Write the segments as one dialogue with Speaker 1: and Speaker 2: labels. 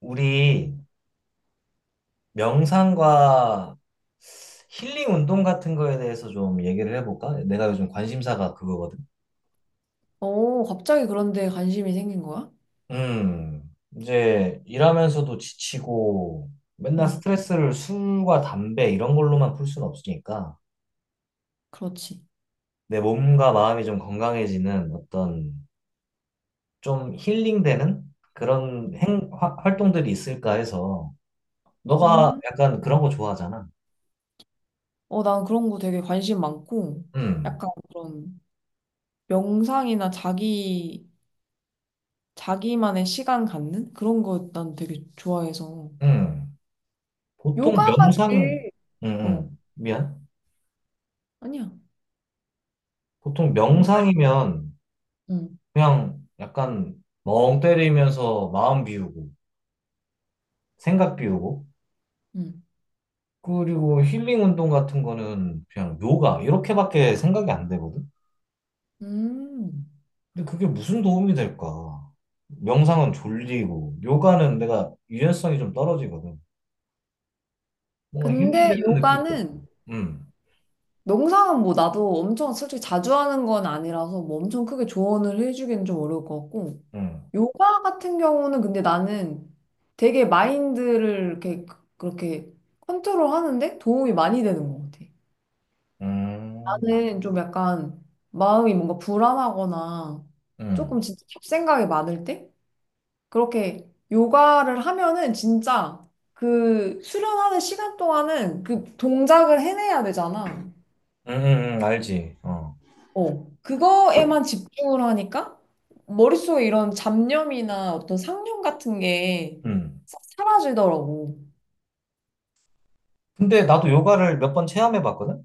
Speaker 1: 우리 명상과 힐링 운동 같은 거에 대해서 좀 얘기를 해볼까? 내가 요즘 관심사가 그거거든.
Speaker 2: 어, 갑자기 그런데 관심이 생긴 거야?
Speaker 1: 음, 이제 일하면서도 지치고 맨날
Speaker 2: 응,
Speaker 1: 스트레스를 술과 담배 이런 걸로만 풀 수는 없으니까
Speaker 2: 그렇지.
Speaker 1: 내 몸과 마음이 좀 건강해지는 어떤 좀 힐링되는 그런 활동들이 있을까 해서 너가
Speaker 2: 음.
Speaker 1: 약간 그런 거 좋아하잖아.
Speaker 2: 어, 난 그런 거 되게 관심 많고,
Speaker 1: 음,
Speaker 2: 약간 그런 명상이나 자기만의 시간 갖는? 그런 거 난 되게 좋아해서.
Speaker 1: 음. 보통
Speaker 2: 요가가
Speaker 1: 명상,
Speaker 2: 제일 어,
Speaker 1: 미안.
Speaker 2: 아니야.
Speaker 1: 보통
Speaker 2: 응,
Speaker 1: 명상이면 그냥 약간 멍 때리면서 마음 비우고 생각 비우고,
Speaker 2: 응.
Speaker 1: 그리고 힐링 운동 같은 거는 그냥 요가 이렇게밖에 생각이 안 되거든.
Speaker 2: 음.
Speaker 1: 근데 그게 무슨 도움이 될까? 명상은 졸리고 요가는 내가 유연성이 좀 떨어지거든. 뭔가
Speaker 2: 근데
Speaker 1: 힐링되는 느낌이
Speaker 2: 요가는
Speaker 1: 응고
Speaker 2: 명상은 뭐 나도 엄청 솔직히 자주 하는 건 아니라서 뭐 엄청 크게 조언을 해주기는 좀 어려울 것 같고,
Speaker 1: 응
Speaker 2: 요가 같은 경우는 근데 나는 되게 마인드를 이렇게 그렇게 컨트롤 하는데 도움이 많이 되는 것 같아.
Speaker 1: 음,
Speaker 2: 나는 좀 약간 마음이 뭔가 불안하거나
Speaker 1: 음,
Speaker 2: 조금
Speaker 1: 음,
Speaker 2: 진짜 잡생각이 많을 때 그렇게 요가를 하면은 진짜 그 수련하는 시간 동안은 그 동작을 해내야 되잖아.
Speaker 1: 알지. 어,
Speaker 2: 어, 그거에만 집중을 하니까 머릿속에 이런 잡념이나 어떤 상념 같은 게
Speaker 1: 음.
Speaker 2: 사라지더라고.
Speaker 1: 근데 나도 요가를 몇 번 체험해 봤거든.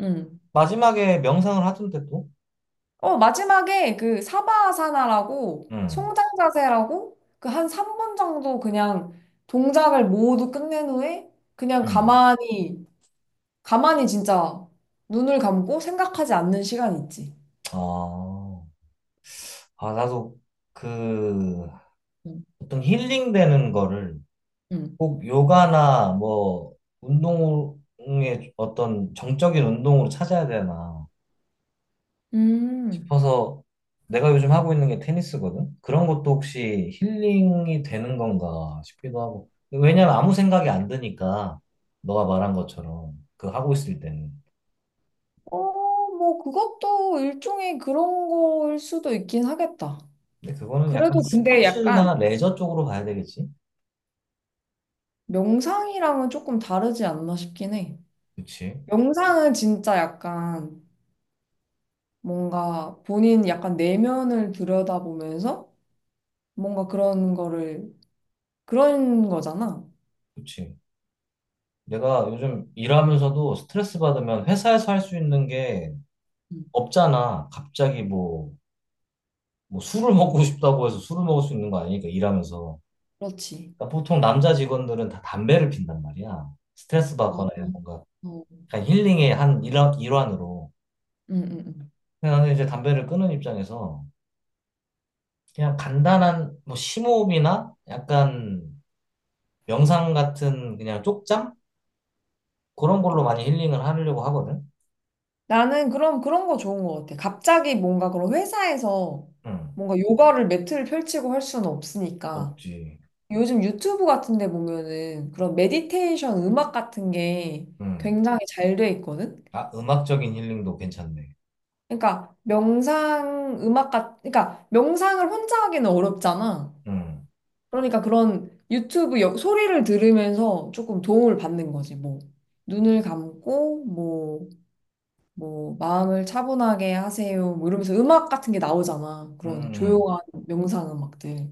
Speaker 2: 응.
Speaker 1: 마지막에 명상을 하던데 또.
Speaker 2: 어, 마지막에 그 사바아사나라고
Speaker 1: 음.
Speaker 2: 송장자세라고 그 한 3분 정도 그냥 동작을 모두 끝낸 후에 그냥
Speaker 1: 음.
Speaker 2: 가만히, 가만히 진짜 눈을 감고 생각하지 않는 시간이 있지.
Speaker 1: 아, 아, 나도 그
Speaker 2: 응.
Speaker 1: 보통 힐링되는 거를
Speaker 2: 응.
Speaker 1: 꼭 요가나 뭐 운동의 어떤 정적인 운동으로 찾아야 되나
Speaker 2: 음.
Speaker 1: 싶어서 내가 요즘 하고 있는 게 테니스거든. 그런 것도 혹시 힐링이 되는 건가 싶기도 하고. 왜냐면 아무 생각이 안 드니까 너가 말한 것처럼 그 하고 있을 때는.
Speaker 2: 어, 뭐, 그것도 일종의 그런 거일 수도 있긴 하겠다.
Speaker 1: 근데 그거는 약간
Speaker 2: 그래도 근데
Speaker 1: 스포츠나
Speaker 2: 약간
Speaker 1: 레저 쪽으로 가야 되겠지?
Speaker 2: 명상이랑은 조금 다르지 않나 싶긴 해.
Speaker 1: 그치?
Speaker 2: 명상은 진짜 약간 뭔가 본인 약간 내면을 들여다보면서 뭔가 그런 거를 그런 거잖아.
Speaker 1: 그치? 내가 요즘 일하면서도 스트레스 받으면 회사에서 할 수 있는 게
Speaker 2: 음.
Speaker 1: 없잖아. 갑자기 뭐, 뭐 술을 먹고 싶다고 해서 술을 먹을 수 있는 거 아니니까 일하면서.
Speaker 2: 그렇지.
Speaker 1: 그러니까 보통 남자 직원들은 다 담배를 핀단 말이야. 스트레스
Speaker 2: 아,
Speaker 1: 받거나
Speaker 2: 어.
Speaker 1: 뭔가
Speaker 2: 응,
Speaker 1: 약간 힐링의 일환으로.
Speaker 2: 응, 응.
Speaker 1: 근데 나는 이제 담배를 끊은 입장에서 그냥 간단한 뭐 심호흡이나 약간 명상 같은 그냥 쪽잠? 그런 걸로
Speaker 2: 조-
Speaker 1: 많이 힐링을 하려고 하거든.
Speaker 2: 나는 그럼 그런 거 좋은 것 같아. 갑자기 뭔가 그런 회사에서
Speaker 1: 응,
Speaker 2: 뭔가 요가를 매트를 펼치고 할 수는 없으니까.
Speaker 1: 없지.
Speaker 2: 요즘 유튜브 같은 데 보면은 그런 메디테이션 음악 같은 게
Speaker 1: 응.
Speaker 2: 굉장히 잘 돼 있거든?
Speaker 1: 아, 음악적인 힐링도 괜찮네.
Speaker 2: 그러니까 명상을 혼자 하기는 어렵잖아.
Speaker 1: 음,
Speaker 2: 그러니까 그런 유튜브 소리를 들으면서 조금 도움을 받는 거지. 뭐 눈을 감고 뭐, 뭐 마음을 차분하게 하세요. 뭐 이러면서 음악 같은 게 나오잖아.
Speaker 1: 음,
Speaker 2: 그런
Speaker 1: 음.
Speaker 2: 조용한 명상 음악들.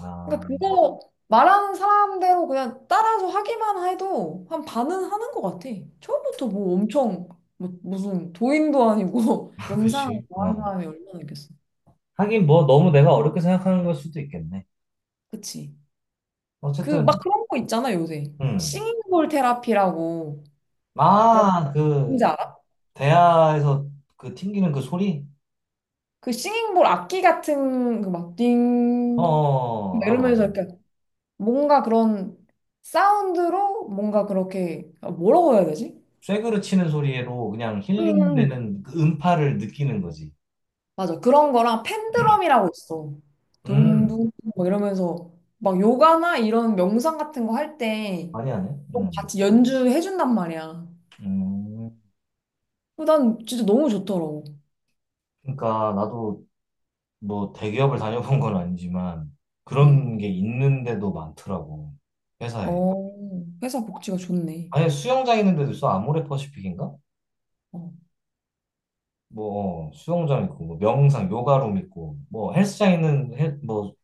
Speaker 1: 아,
Speaker 2: 그러니까 그거 말하는 사람대로 그냥 따라서 하기만 해도 한 반은 하는 것 같아. 처음부터 뭐 엄청 뭐, 무슨 도인도 아니고 명상을
Speaker 1: 그치.
Speaker 2: 좋아하는
Speaker 1: 어.
Speaker 2: 사람이 얼마나 있겠어.
Speaker 1: 하긴 뭐 너무 내가 어렵게 생각하는 걸 수도 있겠네.
Speaker 2: 그치? 그 막
Speaker 1: 어쨌든,
Speaker 2: 그런 거 있잖아 요새.
Speaker 1: 음.
Speaker 2: 싱잉볼 테라피라고 그렇게
Speaker 1: 아,
Speaker 2: 뭔지
Speaker 1: 그,
Speaker 2: 알아?
Speaker 1: 대야에서 그 튕기는 그 소리?
Speaker 2: 그 싱잉볼 악기 같은
Speaker 1: 어, 어,
Speaker 2: 그막띵
Speaker 1: 어, 알아,
Speaker 2: 이러면서
Speaker 1: 알아.
Speaker 2: 이렇게 뭔가 그런 사운드로 뭔가 그렇게 아, 뭐라고 해야 되지?
Speaker 1: 쇠그릇 치는 소리로 그냥
Speaker 2: 응, 응.
Speaker 1: 힐링되는 그 음파를 느끼는 거지.
Speaker 2: 맞아. 그런 거랑 팬드럼이라고 있어.
Speaker 1: 음,
Speaker 2: 둥둥 막 이러면서 막 요가나 이런 명상 같은 거 할 때
Speaker 1: 많이 하네. 음.
Speaker 2: 같이 연주해준단 말이야.
Speaker 1: 음.
Speaker 2: 어, 난 진짜 너무 좋더라고.
Speaker 1: 그러니까 나도 뭐 대기업을 다녀본 건 아니지만
Speaker 2: 음.
Speaker 1: 그런 게 있는데도 많더라고, 회사에.
Speaker 2: 어, 회사 복지가 좋네.
Speaker 1: 아니 수영장 있는데도 있어, 아모레퍼시픽인가.
Speaker 2: 어.
Speaker 1: 뭐 어, 수영장 있고 뭐 명상 요가룸 있고 뭐 헬스장 있는 뭐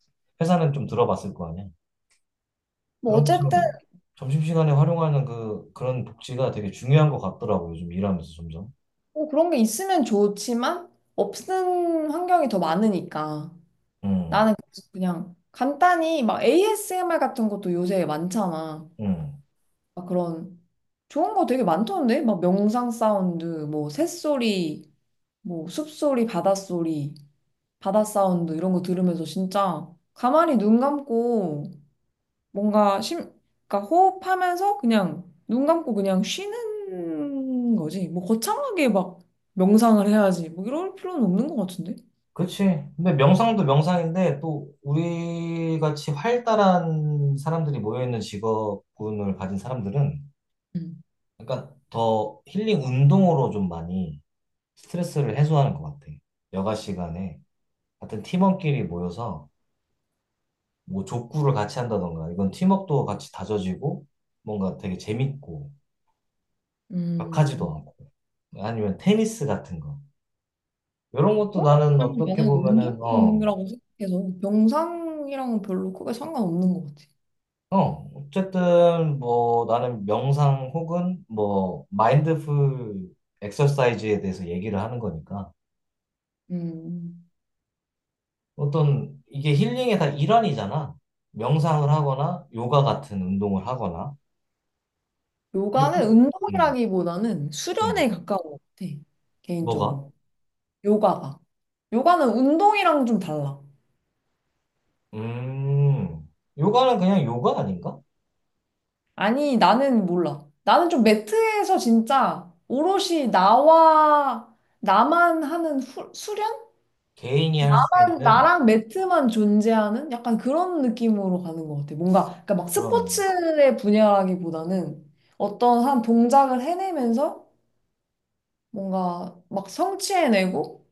Speaker 1: 회사는 좀 들어봤을 거 아니야.
Speaker 2: 뭐
Speaker 1: 그런
Speaker 2: 어쨌든
Speaker 1: 것처럼 점심시간에 활용하는 그 그런 복지가 되게 중요한 것 같더라고, 요즘 일하면서 점점.
Speaker 2: 뭐 그런 게 있으면 좋지만 없는 환경이 더 많으니까.
Speaker 1: 음,
Speaker 2: 나는 그래서 그냥 간단히 막 ASMR 같은 것도 요새 많잖아.
Speaker 1: 음.
Speaker 2: 막 그런 좋은 거 되게 많던데? 막 명상 사운드, 뭐 새소리, 뭐 숲소리, 바닷소리, 바다 사운드 이런 거 들으면서 진짜 가만히 눈 감고 뭔가 그러니까 호흡하면서 그냥 눈 감고 그냥 쉬는 거지. 뭐 거창하게 막 명상을 해야지. 뭐 이럴 필요는 없는 것 같은데?
Speaker 1: 그치. 근데 명상도 명상인데 또 우리 같이 활달한 사람들이 모여있는 직업군을 가진 사람들은
Speaker 2: 음.
Speaker 1: 그러니까 더 힐링 운동으로 좀 많이 스트레스를 해소하는 것 같아. 여가 시간에 같은 팀원끼리 모여서 뭐 족구를 같이 한다던가 이건 팀워크도 같이 다져지고 뭔가 되게 재밌고 격하지도
Speaker 2: 음.
Speaker 1: 않고 아니면 테니스 같은 거. 이런 것도
Speaker 2: 어?
Speaker 1: 나는
Speaker 2: 그냥
Speaker 1: 어떻게
Speaker 2: 나는
Speaker 1: 보면은 어
Speaker 2: 운동이라고 생각해서 명상이랑은 별로 크게 상관없는 것 같아.
Speaker 1: 어, 어쨌든 뭐 나는 명상 혹은 뭐 마인드풀 엑서사이즈에 대해서 얘기를 하는 거니까
Speaker 2: 음.
Speaker 1: 어떤 이게 힐링의 다 일환이잖아. 명상을 하거나 요가 같은 운동을 하거나. 근데
Speaker 2: 요가는
Speaker 1: 그- 음,
Speaker 2: 운동이라기보다는
Speaker 1: 음.
Speaker 2: 수련에 가까운 것 같아,
Speaker 1: 뭐가?
Speaker 2: 개인적으로. 요가가. 요가는 운동이랑 좀 달라.
Speaker 1: 음, 요가는 그냥 요가 아닌가?
Speaker 2: 아니, 나는 몰라. 나는 좀 매트에서 진짜 오롯이 나와, 나만 하는 수련?
Speaker 1: 개인이 할 수 있는
Speaker 2: 나랑 매트만 존재하는 약간 그런 느낌으로 가는 것 같아. 뭔가, 그러니까 막
Speaker 1: 그러네.
Speaker 2: 스포츠의 분야라기보다는 어떤 한 동작을 해내면서 뭔가 막 성취해내고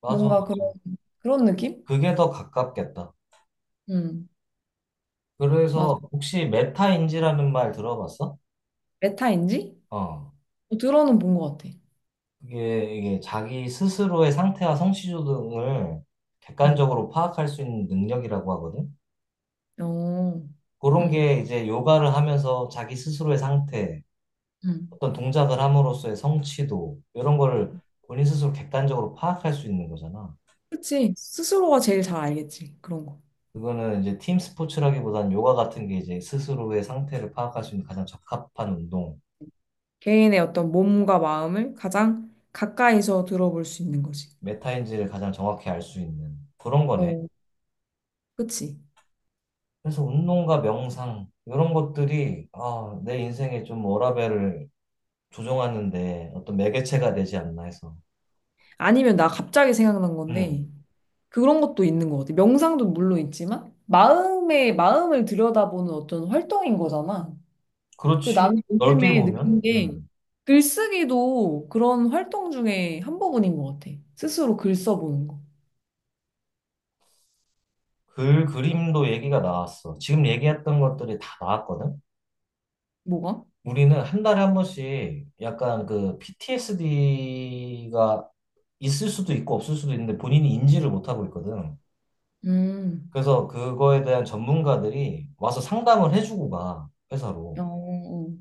Speaker 1: 맞아.
Speaker 2: 뭔가 그런, 그런 느낌?
Speaker 1: 그게 더 가깝겠다.
Speaker 2: 음.
Speaker 1: 그래서
Speaker 2: 맞아.
Speaker 1: 혹시 메타인지라는 말 들어봤어?
Speaker 2: 메타인지?
Speaker 1: 어.
Speaker 2: 어, 들어는 본 것 같아.
Speaker 1: 이게, 이게 자기 스스로의 상태와 성취도 등을
Speaker 2: 응.
Speaker 1: 객관적으로 파악할 수 있는 능력이라고 하거든.
Speaker 2: 어,
Speaker 1: 그런
Speaker 2: 응,
Speaker 1: 게 이제 요가를 하면서 자기 스스로의 상태,
Speaker 2: 응.
Speaker 1: 어떤 동작을 함으로써의 성취도, 이런 거를 본인 스스로 객관적으로 파악할 수 있는 거잖아.
Speaker 2: 그치. 스스로가 제일 잘 알겠지. 그런 거.
Speaker 1: 그거는 이제 팀 스포츠라기보다는 요가 같은 게 이제 스스로의 상태를 파악할 수 있는 가장 적합한 운동,
Speaker 2: 개인의 어떤 몸과 마음을 가장 가까이서 들어볼 수 있는 거지.
Speaker 1: 메타인지를 가장 정확히 알 수 있는 그런 거네.
Speaker 2: 어, 그치.
Speaker 1: 그래서 운동과 명상 이런 것들이 아, 내 인생에 좀 워라밸을 조정하는데 어떤 매개체가 되지 않나 해서.
Speaker 2: 아니면 나 갑자기 생각난 건데,
Speaker 1: 음,
Speaker 2: 그런 것도 있는 것 같아. 명상도 물론 있지만, 마음을 들여다보는 어떤 활동인 거잖아. 그
Speaker 1: 그렇지.
Speaker 2: 나는
Speaker 1: 넓게
Speaker 2: 요즘에
Speaker 1: 보면,
Speaker 2: 느낀 게 글쓰기도 그런 활동 중에 한 부분인 것 같아. 스스로 글 써보는 거.
Speaker 1: 그림도 얘기가 나왔어. 지금 얘기했던 것들이 다 나왔거든.
Speaker 2: 뭐가?
Speaker 1: 우리는 한 달에 한 번씩 약간 그 PTSD가 있을 수도 있고 없을 수도 있는데 본인이 인지를 못하고 있거든.
Speaker 2: 음,
Speaker 1: 그래서 그거에 대한 전문가들이 와서 상담을 해주고 가,
Speaker 2: 어,
Speaker 1: 회사로.
Speaker 2: 어,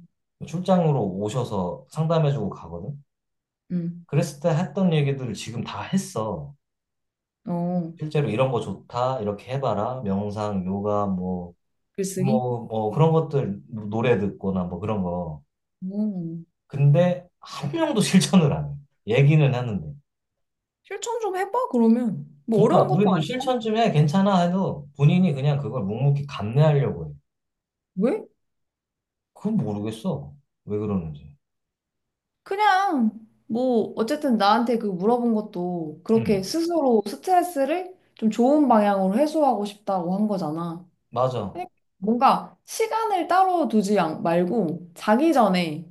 Speaker 1: 출장으로 오셔서 상담해주고 가거든.
Speaker 2: 음,
Speaker 1: 그랬을 때 했던 얘기들을 지금 다 했어.
Speaker 2: 어,
Speaker 1: 실제로 이런 거 좋다, 이렇게 해봐라. 명상, 요가,
Speaker 2: 글쓰기?
Speaker 1: 뭐 그런 것들 뭐 노래 듣거나 뭐 그런 거.
Speaker 2: 어.
Speaker 1: 근데 한 명도 실천을 안 해. 얘기는 하는데.
Speaker 2: 실천 좀 해봐, 그러면. 뭐
Speaker 1: 그러니까
Speaker 2: 어려운 것도
Speaker 1: 우리도
Speaker 2: 아니
Speaker 1: 실천 좀 해, 괜찮아 해도 본인이 그냥 그걸 묵묵히 감내하려고 해.
Speaker 2: 왜?
Speaker 1: 그건 모르겠어. 왜 그러는지.
Speaker 2: 그냥, 뭐, 어쨌든 나한테 그 물어본 것도
Speaker 1: 응,
Speaker 2: 그렇게 스스로 스트레스를 좀 좋은 방향으로 해소하고 싶다고 한 거잖아.
Speaker 1: 맞아.
Speaker 2: 그러니까 뭔가 시간을 따로 말고 자기 전에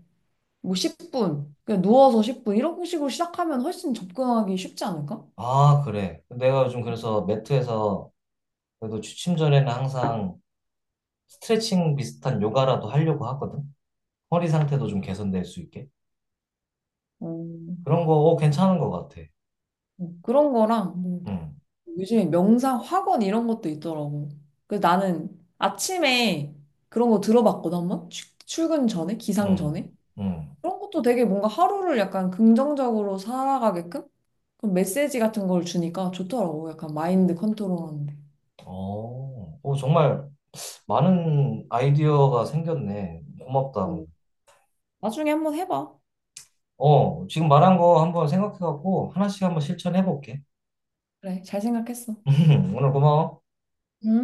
Speaker 2: 뭐 10분, 그냥 누워서 10분, 이런 식으로 시작하면 훨씬 접근하기 쉽지 않을까?
Speaker 1: 아, 그래. 내가 요즘 그래서 매트에서 그래도 취침 전에는 항상 스트레칭 비슷한 요가라도 하려고 하거든. 허리 상태도 좀 개선될 수 있게.
Speaker 2: 어,
Speaker 1: 그런 거 어, 괜찮은 것 같아.
Speaker 2: 어, 그런 거랑, 뭐
Speaker 1: 응,
Speaker 2: 요즘에 명상 학원 이런 것도 있더라고. 그래서 나는 아침에 그런 거 들어봤거든, 한번? 출근 전에? 기상
Speaker 1: 응,
Speaker 2: 전에?
Speaker 1: 응.
Speaker 2: 그런 것도 되게 뭔가 하루를 약간 긍정적으로 살아가게끔? 그런 메시지 같은 걸 주니까 좋더라고. 약간 마인드 컨트롤 하는데.
Speaker 1: 어, 어, 정말 많은 아이디어가 생겼네. 고맙다.
Speaker 2: 어, 나중에 한번 해봐.
Speaker 1: 어, 지금 말한 거 한번 생각해갖고 하나씩 한번 실천해볼게.
Speaker 2: 그래, 잘 생각했어.
Speaker 1: 오늘 고마워.
Speaker 2: 응?